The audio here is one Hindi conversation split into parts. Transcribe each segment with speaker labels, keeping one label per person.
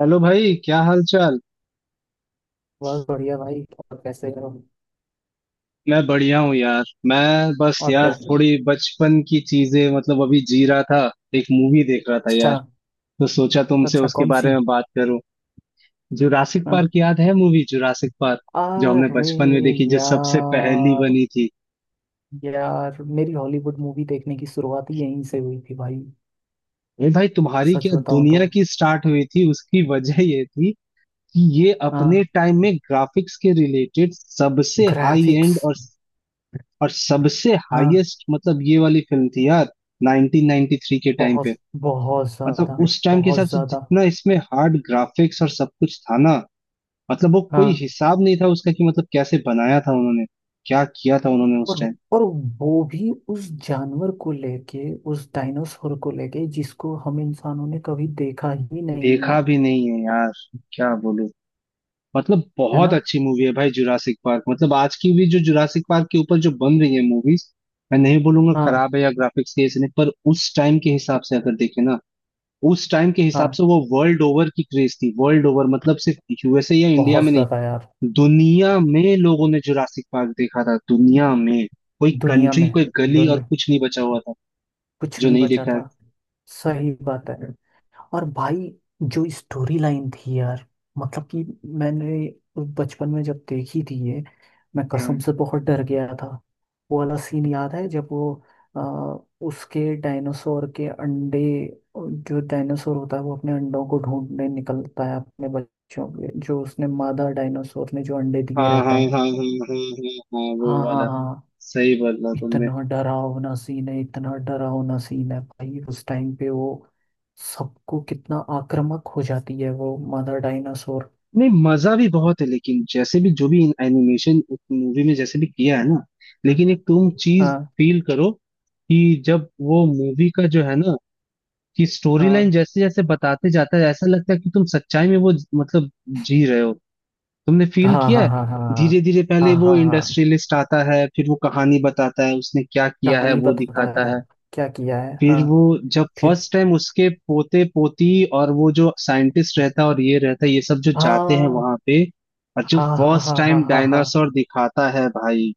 Speaker 1: हेलो भाई, क्या हाल चाल।
Speaker 2: बहुत बढ़िया भाई। और कैसे हो?
Speaker 1: मैं बढ़िया हूँ यार। मैं बस
Speaker 2: और
Speaker 1: यार
Speaker 2: कैसे?
Speaker 1: थोड़ी बचपन की चीजें मतलब अभी जी रहा था। एक मूवी देख रहा था
Speaker 2: अच्छा।
Speaker 1: यार, तो सोचा तुमसे
Speaker 2: अच्छा
Speaker 1: उसके
Speaker 2: कौन
Speaker 1: बारे
Speaker 2: सी?
Speaker 1: में बात करूं। जुरासिक पार्क
Speaker 2: हाँ।
Speaker 1: याद है, मूवी जुरासिक पार्क, जो हमने
Speaker 2: अरे
Speaker 1: बचपन में देखी, जो सबसे पहली
Speaker 2: यार,
Speaker 1: बनी थी।
Speaker 2: यार मेरी हॉलीवुड मूवी देखने की शुरुआत ही यहीं से हुई थी भाई।
Speaker 1: अरे भाई, तुम्हारी
Speaker 2: सच
Speaker 1: क्या
Speaker 2: बताऊं तो
Speaker 1: दुनिया की स्टार्ट हुई थी, उसकी वजह ये थी कि ये अपने
Speaker 2: हाँ,
Speaker 1: टाइम में ग्राफिक्स के रिलेटेड सबसे हाई
Speaker 2: ग्राफिक्स।
Speaker 1: एंड और सबसे
Speaker 2: हाँ
Speaker 1: हाईएस्ट मतलब ये वाली फिल्म थी यार, 1993 के टाइम
Speaker 2: बहुत,
Speaker 1: पे।
Speaker 2: बहुत
Speaker 1: मतलब
Speaker 2: ज्यादा,
Speaker 1: उस टाइम के
Speaker 2: बहुत
Speaker 1: हिसाब से
Speaker 2: ज्यादा।
Speaker 1: जितना इसमें हार्ड ग्राफिक्स और सब कुछ था ना, मतलब वो कोई
Speaker 2: हाँ।
Speaker 1: हिसाब नहीं था उसका कि मतलब कैसे बनाया था उन्होंने, क्या किया था उन्होंने उस
Speaker 2: और
Speaker 1: टाइम।
Speaker 2: और वो भी उस जानवर को लेके, उस डायनासोर को लेके जिसको हम इंसानों ने कभी देखा ही नहीं
Speaker 1: देखा
Speaker 2: है।
Speaker 1: भी नहीं है यार, क्या बोलूं। मतलब
Speaker 2: है
Speaker 1: बहुत
Speaker 2: ना।
Speaker 1: अच्छी मूवी है भाई जुरासिक पार्क। मतलब आज की भी जो जुरासिक पार्क के ऊपर जो बन रही है मूवीज, मैं नहीं बोलूंगा
Speaker 2: हाँ
Speaker 1: खराब है या ग्राफिक्स के ऐसे नहीं, पर उस टाइम के हिसाब से अगर देखे ना, उस टाइम के हिसाब
Speaker 2: हाँ,
Speaker 1: से वो वर्ल्ड ओवर की क्रेज थी। वर्ल्ड ओवर मतलब सिर्फ यूएसए या इंडिया
Speaker 2: बहुत
Speaker 1: में नहीं,
Speaker 2: ज्यादा यार।
Speaker 1: दुनिया में लोगों ने जुरासिक पार्क देखा था। दुनिया में कोई
Speaker 2: दुनिया
Speaker 1: कंट्री
Speaker 2: में,
Speaker 1: कोई गली और
Speaker 2: दुनिया,
Speaker 1: कुछ नहीं बचा हुआ था
Speaker 2: कुछ
Speaker 1: जो
Speaker 2: नहीं
Speaker 1: नहीं
Speaker 2: बचा
Speaker 1: देखा है।
Speaker 2: था। सही बात है। और भाई जो स्टोरी लाइन थी यार, मतलब कि मैंने बचपन में जब देखी थी ये, मैं कसम
Speaker 1: हम्म
Speaker 2: से बहुत डर गया था। वो वाला सीन याद है जब वो अ, उसके डायनासोर के अंडे, जो डायनासोर होता है वो अपने अंडों को ढूंढने निकलता है अपने बच्चों के, जो उसने मादा डायनासोर ने जो अंडे
Speaker 1: हाँ
Speaker 2: दिए रहते
Speaker 1: हाँ
Speaker 2: हैं।
Speaker 1: हाँ हाँ हाँ हाँ हाँ, वो
Speaker 2: हाँ हाँ
Speaker 1: वाला।
Speaker 2: हाँ।
Speaker 1: सही बोला तुमने।
Speaker 2: इतना डरावना सीन है, इतना डरावना सीन है भाई, उस टाइम पे वो सबको कितना आक्रामक हो जाती है वो मदर डायनासोर।
Speaker 1: नहीं, मजा भी बहुत है, लेकिन जैसे भी जो भी एनिमेशन उस मूवी में जैसे भी किया है ना, लेकिन एक तुम चीज
Speaker 2: हाँ
Speaker 1: फील करो कि जब वो मूवी का जो है ना कि स्टोरी लाइन
Speaker 2: हाँ
Speaker 1: जैसे जैसे बताते जाता है, ऐसा लगता है कि तुम सच्चाई में वो मतलब जी रहे हो। तुमने फील
Speaker 2: हाँ
Speaker 1: किया
Speaker 2: हाँ
Speaker 1: है।
Speaker 2: हाँ हाँ
Speaker 1: धीरे धीरे
Speaker 2: हाँ
Speaker 1: पहले वो
Speaker 2: हाँ हाँ।
Speaker 1: इंडस्ट्रियलिस्ट आता है, फिर वो कहानी बताता है, उसने क्या किया है
Speaker 2: कहानी
Speaker 1: वो
Speaker 2: बताता
Speaker 1: दिखाता
Speaker 2: है,
Speaker 1: है।
Speaker 2: क्या किया है, हाँ।
Speaker 1: फिर वो जब
Speaker 2: फिर।
Speaker 1: फर्स्ट टाइम उसके पोते पोती और वो जो साइंटिस्ट रहता है और ये रहता है, ये सब जो जाते हैं
Speaker 2: हाँ
Speaker 1: वहां पे, और जो
Speaker 2: हाँ हाँ हाँ
Speaker 1: फर्स्ट
Speaker 2: हाँ
Speaker 1: टाइम
Speaker 2: हाँ हाँ हाँ।
Speaker 1: डायनासोर दिखाता है भाई,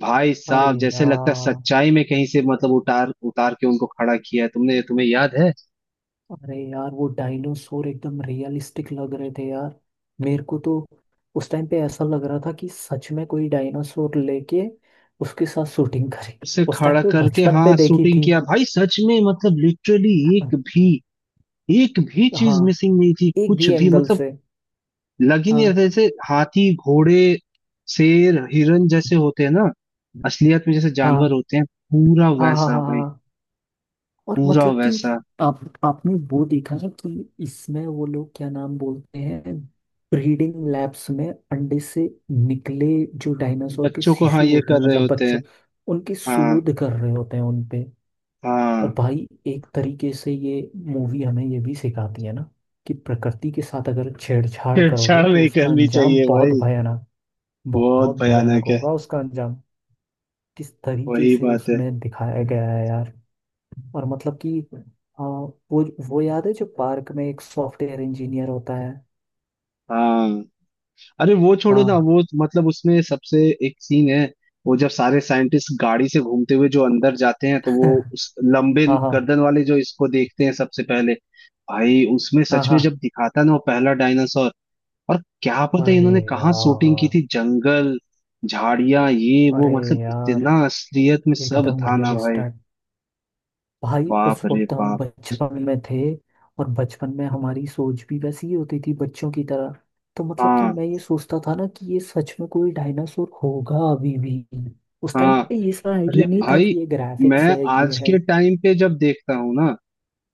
Speaker 1: भाई
Speaker 2: अरे
Speaker 1: साहब जैसे लगता है
Speaker 2: यार,
Speaker 1: सच्चाई में कहीं से मतलब उतार उतार के उनको खड़ा किया है तुमने। तुम्हें याद है,
Speaker 2: अरे यार वो डायनासोर एकदम रियलिस्टिक लग रहे थे यार। मेरे को तो उस टाइम पे ऐसा लग रहा था कि सच में कोई डायनासोर लेके उसके साथ शूटिंग करे।
Speaker 1: उसे
Speaker 2: उस टाइम
Speaker 1: खड़ा
Speaker 2: पे
Speaker 1: करके
Speaker 2: बचपन पे
Speaker 1: हाँ
Speaker 2: देखी
Speaker 1: शूटिंग
Speaker 2: थी।
Speaker 1: किया भाई। सच में, मतलब लिटरली एक भी, एक भी
Speaker 2: हाँ,
Speaker 1: चीज मिसिंग नहीं थी,
Speaker 2: एक
Speaker 1: कुछ
Speaker 2: भी
Speaker 1: भी
Speaker 2: एंगल
Speaker 1: मतलब।
Speaker 2: से।
Speaker 1: लग ही नहीं रहा था,
Speaker 2: हाँ
Speaker 1: जैसे हाथी घोड़े शेर हिरन जैसे होते हैं ना, असलियत में जैसे जानवर
Speaker 2: हाँ
Speaker 1: होते हैं, पूरा
Speaker 2: हाँ हाँ
Speaker 1: वैसा
Speaker 2: हाँ हाँ
Speaker 1: भाई,
Speaker 2: हाँ। और
Speaker 1: पूरा
Speaker 2: मतलब कि
Speaker 1: वैसा।
Speaker 2: आप आपने वो देखा है कि इसमें वो लोग क्या नाम बोलते हैं, ब्रीडिंग लैब्स में अंडे से निकले जो डायनासोर के
Speaker 1: बच्चों को हाँ,
Speaker 2: शिशु
Speaker 1: ये
Speaker 2: होते
Speaker 1: कर
Speaker 2: हैं,
Speaker 1: रहे
Speaker 2: मतलब
Speaker 1: होते हैं।
Speaker 2: बच्चों, उनकी
Speaker 1: हाँ
Speaker 2: शोध कर रहे होते हैं उनपे।
Speaker 1: हाँ।
Speaker 2: और भाई एक तरीके से ये मूवी हमें ये भी सिखाती है ना कि प्रकृति के साथ अगर छेड़छाड़ करोगे
Speaker 1: छेड़छाड़
Speaker 2: तो
Speaker 1: नहीं
Speaker 2: उसका
Speaker 1: करनी
Speaker 2: अंजाम
Speaker 1: चाहिए
Speaker 2: बहुत
Speaker 1: भाई,
Speaker 2: भयानक, बहुत
Speaker 1: बहुत
Speaker 2: भयानक
Speaker 1: भयानक है।
Speaker 2: होगा उसका अंजाम। किस तरीके
Speaker 1: वही
Speaker 2: से
Speaker 1: बात है।
Speaker 2: उसमें दिखाया गया है यार। और मतलब कि आ, वो वो याद है जो पार्क में एक सॉफ्टवेयर इंजीनियर होता है।
Speaker 1: हाँ, अरे वो छोड़ो ना,
Speaker 2: हाँ।
Speaker 1: वो मतलब उसमें सबसे एक सीन है, वो जब सारे साइंटिस्ट गाड़ी से घूमते हुए जो अंदर जाते हैं तो वो उस लंबे
Speaker 2: हाँ हाँ
Speaker 1: गर्दन वाले जो इसको देखते हैं सबसे पहले, भाई उसमें
Speaker 2: हाँ
Speaker 1: सच में
Speaker 2: हाँ।
Speaker 1: जब दिखाता ना वो पहला डायनासोर, और क्या पता
Speaker 2: अरे
Speaker 1: इन्होंने कहाँ शूटिंग की
Speaker 2: यार,
Speaker 1: थी, जंगल झाड़ियां ये वो,
Speaker 2: अरे
Speaker 1: मतलब
Speaker 2: यार
Speaker 1: इतना असलियत में सब
Speaker 2: एकदम
Speaker 1: था ना
Speaker 2: रियलिस्ट।
Speaker 1: भाई।
Speaker 2: भाई उस
Speaker 1: बाप रे
Speaker 2: वक्त हम
Speaker 1: बाप।
Speaker 2: बचपन में थे, और बचपन में हमारी सोच भी वैसी ही होती थी बच्चों की तरह। तो मतलब कि
Speaker 1: हाँ
Speaker 2: मैं ये सोचता था ना कि ये सच में कोई डायनासोर होगा अभी भी। उस टाइम
Speaker 1: हाँ।
Speaker 2: पे ये सारा
Speaker 1: अरे
Speaker 2: आइडिया नहीं था
Speaker 1: भाई,
Speaker 2: कि ये ग्राफिक्स
Speaker 1: मैं
Speaker 2: है, ये
Speaker 1: आज
Speaker 2: है।
Speaker 1: के टाइम पे जब देखता हूँ ना,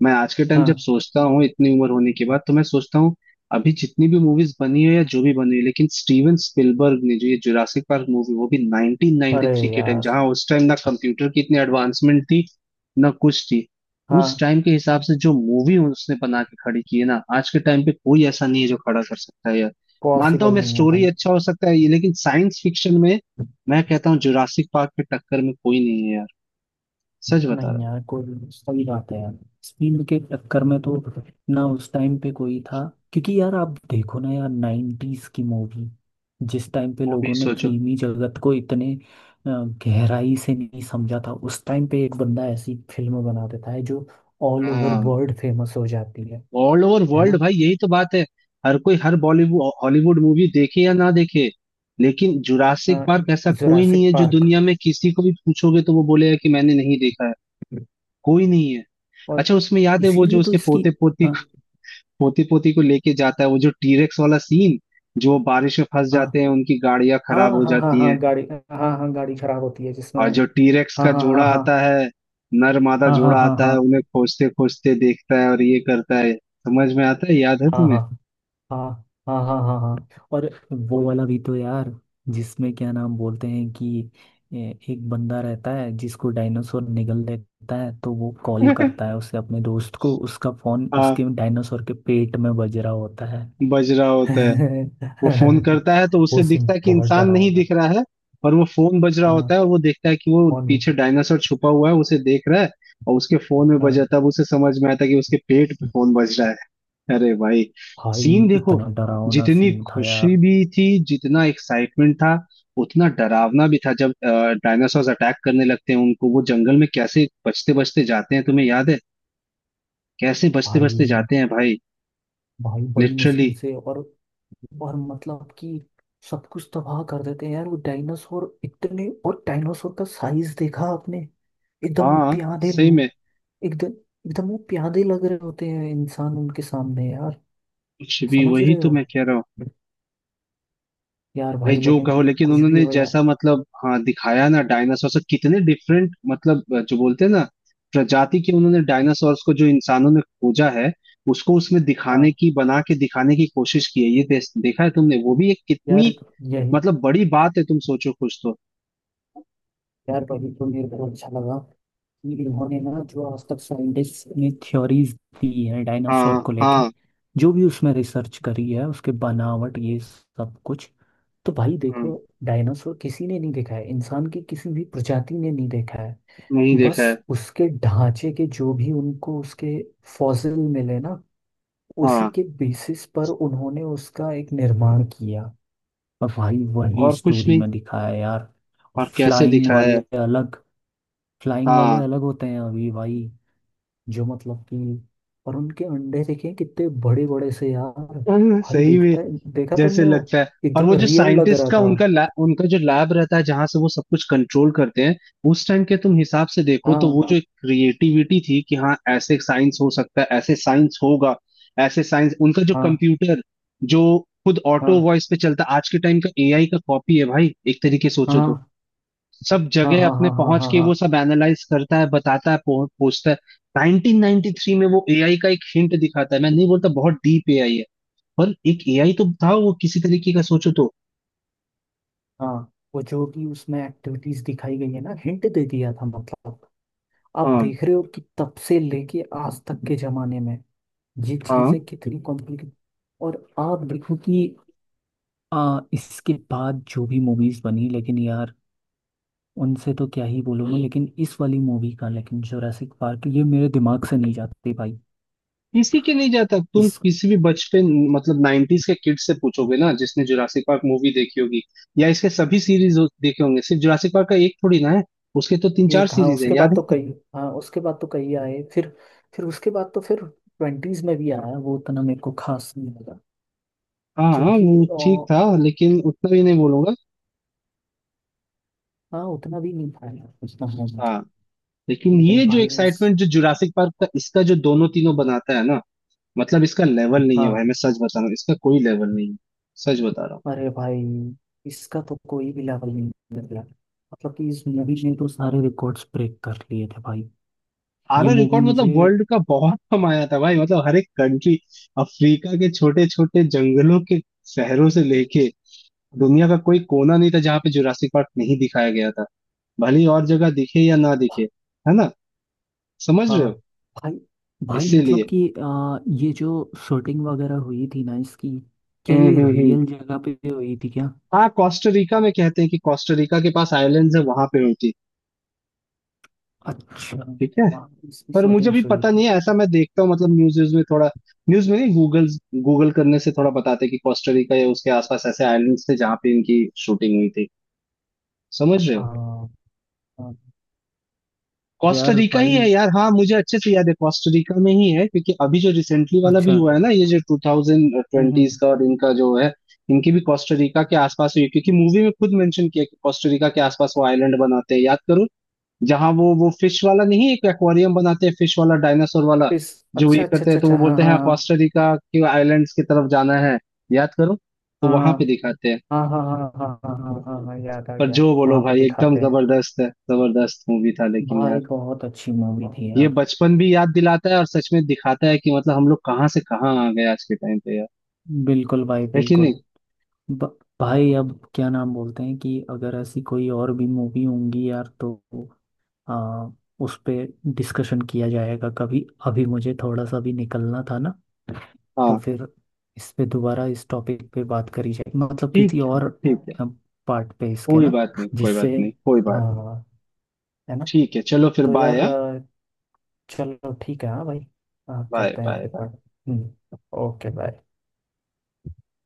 Speaker 1: मैं आज के टाइम जब
Speaker 2: हाँ।
Speaker 1: सोचता हूँ इतनी उम्र होने के बाद, तो मैं सोचता हूँ अभी जितनी भी मूवीज बनी है या जो भी बनी है, लेकिन स्टीवन स्पिलबर्ग ने जो ये जुरासिक पार्क मूवी, वो भी
Speaker 2: अरे
Speaker 1: 1993 के टाइम,
Speaker 2: यार।
Speaker 1: जहाँ उस टाइम ना कंप्यूटर की इतनी एडवांसमेंट थी ना कुछ थी, उस
Speaker 2: हाँ।
Speaker 1: टाइम के हिसाब से जो मूवी उसने बना के खड़ी की है ना, आज के टाइम पे कोई ऐसा नहीं है जो खड़ा कर सकता है यार। मानता हूँ
Speaker 2: पॉसिबल
Speaker 1: मैं,
Speaker 2: नहीं है
Speaker 1: स्टोरी
Speaker 2: भाई।
Speaker 1: अच्छा हो सकता है ये, लेकिन साइंस फिक्शन में मैं कहता हूँ जुरासिक पार्क के टक्कर में कोई नहीं है यार। सच बता रहा
Speaker 2: नहीं
Speaker 1: हूँ।
Speaker 2: यार, कोई सही बात है यार। स्पीड के चक्कर में तो ना उस टाइम पे कोई था। क्योंकि यार आप देखो ना यार, नाइन्टीज की मूवी जिस टाइम पे
Speaker 1: वो भी
Speaker 2: लोगों ने
Speaker 1: सोचो।
Speaker 2: फिल्मी जगत को इतने गहराई से नहीं समझा था, उस टाइम पे एक बंदा ऐसी फिल्म बना देता है जो ऑल ओवर
Speaker 1: हाँ,
Speaker 2: वर्ल्ड फेमस हो जाती है।
Speaker 1: ऑल ओवर
Speaker 2: है
Speaker 1: वर्ल्ड
Speaker 2: ना।
Speaker 1: भाई, यही तो बात है। हर कोई, हर बॉलीवुड हॉलीवुड मूवी देखे या ना देखे, लेकिन जुरासिक पार्क ऐसा कोई नहीं
Speaker 2: जोरासिक
Speaker 1: है जो
Speaker 2: पार्क।
Speaker 1: दुनिया में किसी को भी पूछोगे तो वो बोलेगा कि मैंने नहीं देखा है। कोई नहीं है।
Speaker 2: और
Speaker 1: अच्छा, उसमें याद है वो
Speaker 2: इसीलिए
Speaker 1: जो
Speaker 2: तो
Speaker 1: उसके
Speaker 2: इसकी।
Speaker 1: पोते पोती,
Speaker 2: हाँ
Speaker 1: पोते पोती को लेके जाता है, वो जो टीरेक्स वाला सीन, जो बारिश में फंस
Speaker 2: हाँ
Speaker 1: जाते हैं, उनकी गाड़ियां
Speaker 2: हाँ
Speaker 1: खराब हो
Speaker 2: हाँ हाँ
Speaker 1: जाती हैं,
Speaker 2: हाँ, गाड़ी। हाँ हाँ, गाड़ी खराब होती है जिसमें
Speaker 1: और
Speaker 2: वो।
Speaker 1: जो टीरेक्स
Speaker 2: हाँ
Speaker 1: का
Speaker 2: हाँ
Speaker 1: जोड़ा
Speaker 2: हाँ
Speaker 1: आता है, नर मादा
Speaker 2: हाँ हाँ
Speaker 1: जोड़ा
Speaker 2: हाँ
Speaker 1: आता
Speaker 2: हाँ
Speaker 1: है, उन्हें खोजते खोजते देखता है और ये करता है, समझ में आता है, याद है
Speaker 2: हाँ हाँ
Speaker 1: तुम्हें?
Speaker 2: हाँ हाँ हाँ हाँ हाँ हाँ। और वो वाला भी तो यार, जिसमें क्या नाम बोलते हैं कि एक बंदा रहता है जिसको डायनासोर निगल लेता है, तो वो कॉल करता है उसे अपने दोस्त को, उसका फोन उसके डायनासोर के पेट में बज रहा होता है।
Speaker 1: बज रहा होता है। वो फोन करता है तो
Speaker 2: वो
Speaker 1: उसे
Speaker 2: सीन
Speaker 1: दिखता है कि
Speaker 2: बहुत
Speaker 1: इंसान नहीं
Speaker 2: डरावना।
Speaker 1: दिख रहा है, पर वो फोन बज रहा
Speaker 2: हाँ,
Speaker 1: होता है, और वो देखता है कि वो
Speaker 2: फोन।
Speaker 1: पीछे डायनासोर छुपा हुआ है, उसे देख रहा है, और उसके फोन में
Speaker 2: हाँ
Speaker 1: बजा तब उसे समझ में आता है कि उसके पेट पे फोन बज रहा है। अरे भाई,
Speaker 2: भाई,
Speaker 1: सीन देखो।
Speaker 2: इतना डरावना
Speaker 1: जितनी
Speaker 2: सीन था
Speaker 1: खुशी
Speaker 2: यार।
Speaker 1: भी थी, जितना एक्साइटमेंट था, उतना डरावना भी था जब डायनासोर अटैक करने लगते हैं उनको। वो जंगल में कैसे बचते बचते जाते हैं, तुम्हें याद है? कैसे बचते बचते
Speaker 2: भाई,
Speaker 1: जाते हैं भाई,
Speaker 2: भाई बड़ी
Speaker 1: लिटरली।
Speaker 2: मुश्किल से, और मतलब कि सब कुछ तबाह कर देते हैं यार वो डायनासोर, इतने और डायनासोर का साइज देखा आपने, एकदम वो
Speaker 1: हाँ,
Speaker 2: प्यादे,
Speaker 1: सही में।
Speaker 2: एकदम, एकदम वो प्यादे लग रहे होते हैं इंसान उनके सामने यार।
Speaker 1: कुछ भी,
Speaker 2: समझ
Speaker 1: वही
Speaker 2: रहे
Speaker 1: तो
Speaker 2: हो।
Speaker 1: मैं कह रहा हूँ।
Speaker 2: यार
Speaker 1: भाई
Speaker 2: भाई
Speaker 1: जो
Speaker 2: लेकिन
Speaker 1: कहो, लेकिन
Speaker 2: कुछ भी
Speaker 1: उन्होंने
Speaker 2: हो यार।
Speaker 1: जैसा, मतलब हाँ दिखाया ना डायनासोर से कितने डिफरेंट, मतलब जो बोलते हैं ना प्रजाति के, उन्होंने डायनासोर्स को जो इंसानों ने खोजा है उसको उसमें दिखाने
Speaker 2: हाँ
Speaker 1: की, बना के दिखाने की कोशिश की है, ये देखा है तुमने? वो भी एक
Speaker 2: यार,
Speaker 1: कितनी
Speaker 2: यही।
Speaker 1: मतलब बड़ी बात है, तुम सोचो कुछ तो।
Speaker 2: यार भाई तो मेरे को अच्छा लगा, इन्होंने ना जो आज तक साइंटिस्ट ने थ्योरीज दी हैं डायनासोर
Speaker 1: हाँ
Speaker 2: को लेके,
Speaker 1: हाँ।
Speaker 2: जो भी उसमें रिसर्च करी है उसके बनावट ये सब कुछ, तो भाई
Speaker 1: हम्म,
Speaker 2: देखो, डायनासोर किसी ने नहीं देखा है, इंसान की किसी भी प्रजाति ने नहीं देखा है।
Speaker 1: नहीं देखा
Speaker 2: बस
Speaker 1: है।
Speaker 2: उसके ढांचे के जो भी उनको उसके फॉसिल मिले ना, उसी
Speaker 1: हाँ।
Speaker 2: के बेसिस पर उन्होंने उसका एक निर्माण किया। और भाई वही
Speaker 1: और कुछ
Speaker 2: स्टोरी
Speaker 1: नहीं।
Speaker 2: में दिखाया है यार।
Speaker 1: और कैसे
Speaker 2: फ्लाइंग
Speaker 1: दिखाया है।
Speaker 2: वाले अलग, फ्लाइंग वाले
Speaker 1: हाँ।
Speaker 2: अलग होते हैं अभी भाई, जो मतलब कि, और उनके अंडे देखे कितने बड़े बड़े से यार। भाई
Speaker 1: सही में।
Speaker 2: देखता है, देखा
Speaker 1: जैसे
Speaker 2: तुमने वो,
Speaker 1: लगता है। और
Speaker 2: एकदम
Speaker 1: वो जो
Speaker 2: रियल लग
Speaker 1: साइंटिस्ट
Speaker 2: रहा
Speaker 1: का
Speaker 2: था।
Speaker 1: उनका उनका जो लैब रहता है जहां से वो सब कुछ कंट्रोल करते हैं, उस टाइम के तुम हिसाब से देखो तो
Speaker 2: हाँ
Speaker 1: वो जो एक क्रिएटिविटी थी कि हाँ ऐसे साइंस हो सकता है, ऐसे साइंस होगा, ऐसे साइंस, उनका जो
Speaker 2: हाँ
Speaker 1: कंप्यूटर जो खुद ऑटो
Speaker 2: हाँ
Speaker 1: वॉइस पे चलता, आज के टाइम का एआई का कॉपी है भाई, एक तरीके से सोचो तो।
Speaker 2: हाँ
Speaker 1: सब
Speaker 2: हाँ
Speaker 1: जगह
Speaker 2: हाँ
Speaker 1: अपने
Speaker 2: हाँ हाँ
Speaker 1: पहुंच
Speaker 2: हाँ
Speaker 1: के
Speaker 2: हाँ
Speaker 1: वो सब एनालाइज करता है, बताता है, पूछता है। 1993 में वो एआई का एक हिंट दिखाता है, मैं नहीं बोलता बहुत डीप एआई है, पर एक एआई तो था वो, किसी तरीके का, सोचो तो।
Speaker 2: हाँ। वो जो भी उसमें एक्टिविटीज दिखाई गई है ना, हिंट दे दिया था, मतलब आप
Speaker 1: हाँ
Speaker 2: देख रहे हो कि तब से लेके आज तक के जमाने में ये
Speaker 1: हाँ।
Speaker 2: चीजें कितनी कॉम्प्लिकेट। और आप देखो कि इसके बाद जो भी मूवीज बनी लेकिन यार, उनसे तो क्या ही बोलूँगा, लेकिन इस वाली मूवी का, लेकिन जोरासिक पार्क, ये मेरे दिमाग से नहीं जाती भाई।
Speaker 1: किसी के नहीं जाता, तुम
Speaker 2: इस,
Speaker 1: किसी भी बचपन, मतलब 90s के किड से पूछोगे ना जिसने जुरासिक पार्क मूवी देखी होगी, या इसके सभी सीरीज देखे होंगे, सिर्फ जुरासिक पार्क का एक थोड़ी ना है, उसके तो तीन चार
Speaker 2: एक, हाँ
Speaker 1: सीरीज है
Speaker 2: उसके बाद
Speaker 1: याद है
Speaker 2: तो
Speaker 1: ना।
Speaker 2: कई, हाँ उसके बाद तो कई आए फिर उसके बाद तो फिर ट्वेंटीज में भी आया, वो उतना मेरे को खास नहीं लगा।
Speaker 1: हाँ हाँ,
Speaker 2: क्योंकि
Speaker 1: वो ठीक था, लेकिन उतना भी नहीं बोलूंगा।
Speaker 2: हाँ उतना भी नहीं पाया, उतना है नहीं।
Speaker 1: हाँ। लेकिन
Speaker 2: लेकिन
Speaker 1: ये जो
Speaker 2: भाई इस,
Speaker 1: एक्साइटमेंट जो जुरासिक पार्क का, इसका जो दोनों तीनों बनाता है ना, मतलब इसका लेवल नहीं है भाई।
Speaker 2: हाँ,
Speaker 1: मैं सच बता रहा हूँ, इसका कोई लेवल नहीं है। सच बता रहा हूँ।
Speaker 2: अरे भाई इसका तो कोई भी लेवल नहीं निकला। मतलब कि इस मूवी मूवी ने तो सारे रिकॉर्ड्स ब्रेक कर लिए थे भाई। ये
Speaker 1: आरआर
Speaker 2: मूवी
Speaker 1: रिकॉर्ड,
Speaker 2: मुझे,
Speaker 1: मतलब वर्ल्ड का बहुत कमाया था भाई, मतलब हर एक कंट्री, अफ्रीका के छोटे छोटे जंगलों के शहरों से लेके दुनिया का कोई कोना नहीं था जहाँ पे जुरासिक पार्क नहीं दिखाया गया था, भले ही और जगह दिखे या ना दिखे। है ना? समझ रहे
Speaker 2: हाँ
Speaker 1: हो?
Speaker 2: भाई, भाई मतलब
Speaker 1: इसीलिए।
Speaker 2: कि ये जो शूटिंग वगैरह हुई थी ना इसकी, क्या ये
Speaker 1: हम्म।
Speaker 2: रियल जगह पे हुई थी क्या?
Speaker 1: हाँ, कोस्टा रिका में, कहते हैं कि कोस्टा रिका के पास आइलैंड्स है, वहां पे हुई थी।
Speaker 2: अच्छा,
Speaker 1: ठीक है।
Speaker 2: वहाँ पे इसकी
Speaker 1: पर मुझे भी
Speaker 2: शूटिंग्स हुई
Speaker 1: पता
Speaker 2: थी।
Speaker 1: नहीं है ऐसा, मैं देखता हूँ मतलब न्यूज व्यूज में थोड़ा, न्यूज में नहीं गूगल, गूगल करने से थोड़ा बताते हैं कि कोस्टा रिका या उसके आसपास ऐसे आइलैंड्स थे जहां पे इनकी शूटिंग हुई थी। समझ रहे हो?
Speaker 2: हाँ। हाँ।
Speaker 1: कोस्टा
Speaker 2: यार
Speaker 1: रिका ही
Speaker 2: भाई,
Speaker 1: है यार। हाँ मुझे अच्छे से याद है, कोस्टा रिका में ही है, क्योंकि अभी जो रिसेंटली वाला भी
Speaker 2: अच्छा,
Speaker 1: हुआ है ना, ये जो two thousand
Speaker 2: hmm
Speaker 1: twenties
Speaker 2: hmm,
Speaker 1: का और इनका जो है, इनकी भी कोस्टा रिका के आसपास हुई है, क्योंकि मूवी में खुद मेंशन किया कि कोस्टा रिका के आसपास वो आइलैंड बनाते हैं, याद करो, जहाँ वो फिश वाला नहीं, एक एक्वेरियम बनाते हैं, फिश वाला डायनासोर वाला
Speaker 2: इस,
Speaker 1: जो, ये
Speaker 2: अच्छा अच्छा
Speaker 1: करते हैं
Speaker 2: अच्छा
Speaker 1: तो
Speaker 2: अच्छा
Speaker 1: वो बोलते हैं
Speaker 2: हाँ।
Speaker 1: कोस्टा रिका के आइलैंड्स की तरफ जाना है, याद करो। तो वहां
Speaker 2: हाँ
Speaker 1: पे दिखाते हैं।
Speaker 2: हाँ हाँ हाँ हाँ हाँ हाँ हाँ हाँ हाँ हाँ, याद आ
Speaker 1: पर जो
Speaker 2: गया
Speaker 1: बोलो
Speaker 2: वहाँ पे
Speaker 1: भाई, एकदम
Speaker 2: दिखाते हैं।
Speaker 1: जबरदस्त है, जबरदस्त मूवी था लेकिन
Speaker 2: भाई
Speaker 1: यार,
Speaker 2: बहुत अच्छी मूवी थी
Speaker 1: ये
Speaker 2: यार।
Speaker 1: बचपन भी याद दिलाता है और सच में दिखाता है कि मतलब हम लोग कहाँ से कहाँ आ गए आज के टाइम पे यार।
Speaker 2: बिल्कुल भाई,
Speaker 1: है कि
Speaker 2: बिल्कुल।
Speaker 1: नहीं?
Speaker 2: ब- भाई अब क्या नाम बोलते हैं कि अगर ऐसी कोई और भी मूवी होंगी यार तो आ, उस पे डिस्कशन किया जाएगा कभी। अभी मुझे थोड़ा सा भी निकलना था ना, तो
Speaker 1: हाँ।
Speaker 2: फिर इस पे दोबारा इस टॉपिक पे बात करी जाए, मतलब किसी
Speaker 1: ठीक है।
Speaker 2: और
Speaker 1: ठीक है।
Speaker 2: पार्ट पे इसके
Speaker 1: कोई
Speaker 2: ना,
Speaker 1: बात नहीं, कोई
Speaker 2: जिससे,
Speaker 1: बात नहीं, कोई बात नहीं।
Speaker 2: हाँ, है ना।
Speaker 1: ठीक है, चलो फिर
Speaker 2: तो यार
Speaker 1: बाय।
Speaker 2: चलो ठीक है हाँ भाई,
Speaker 1: बाय
Speaker 2: करते हैं
Speaker 1: बाय
Speaker 2: फिर
Speaker 1: बाय।
Speaker 2: बात। Hmm, okay bye.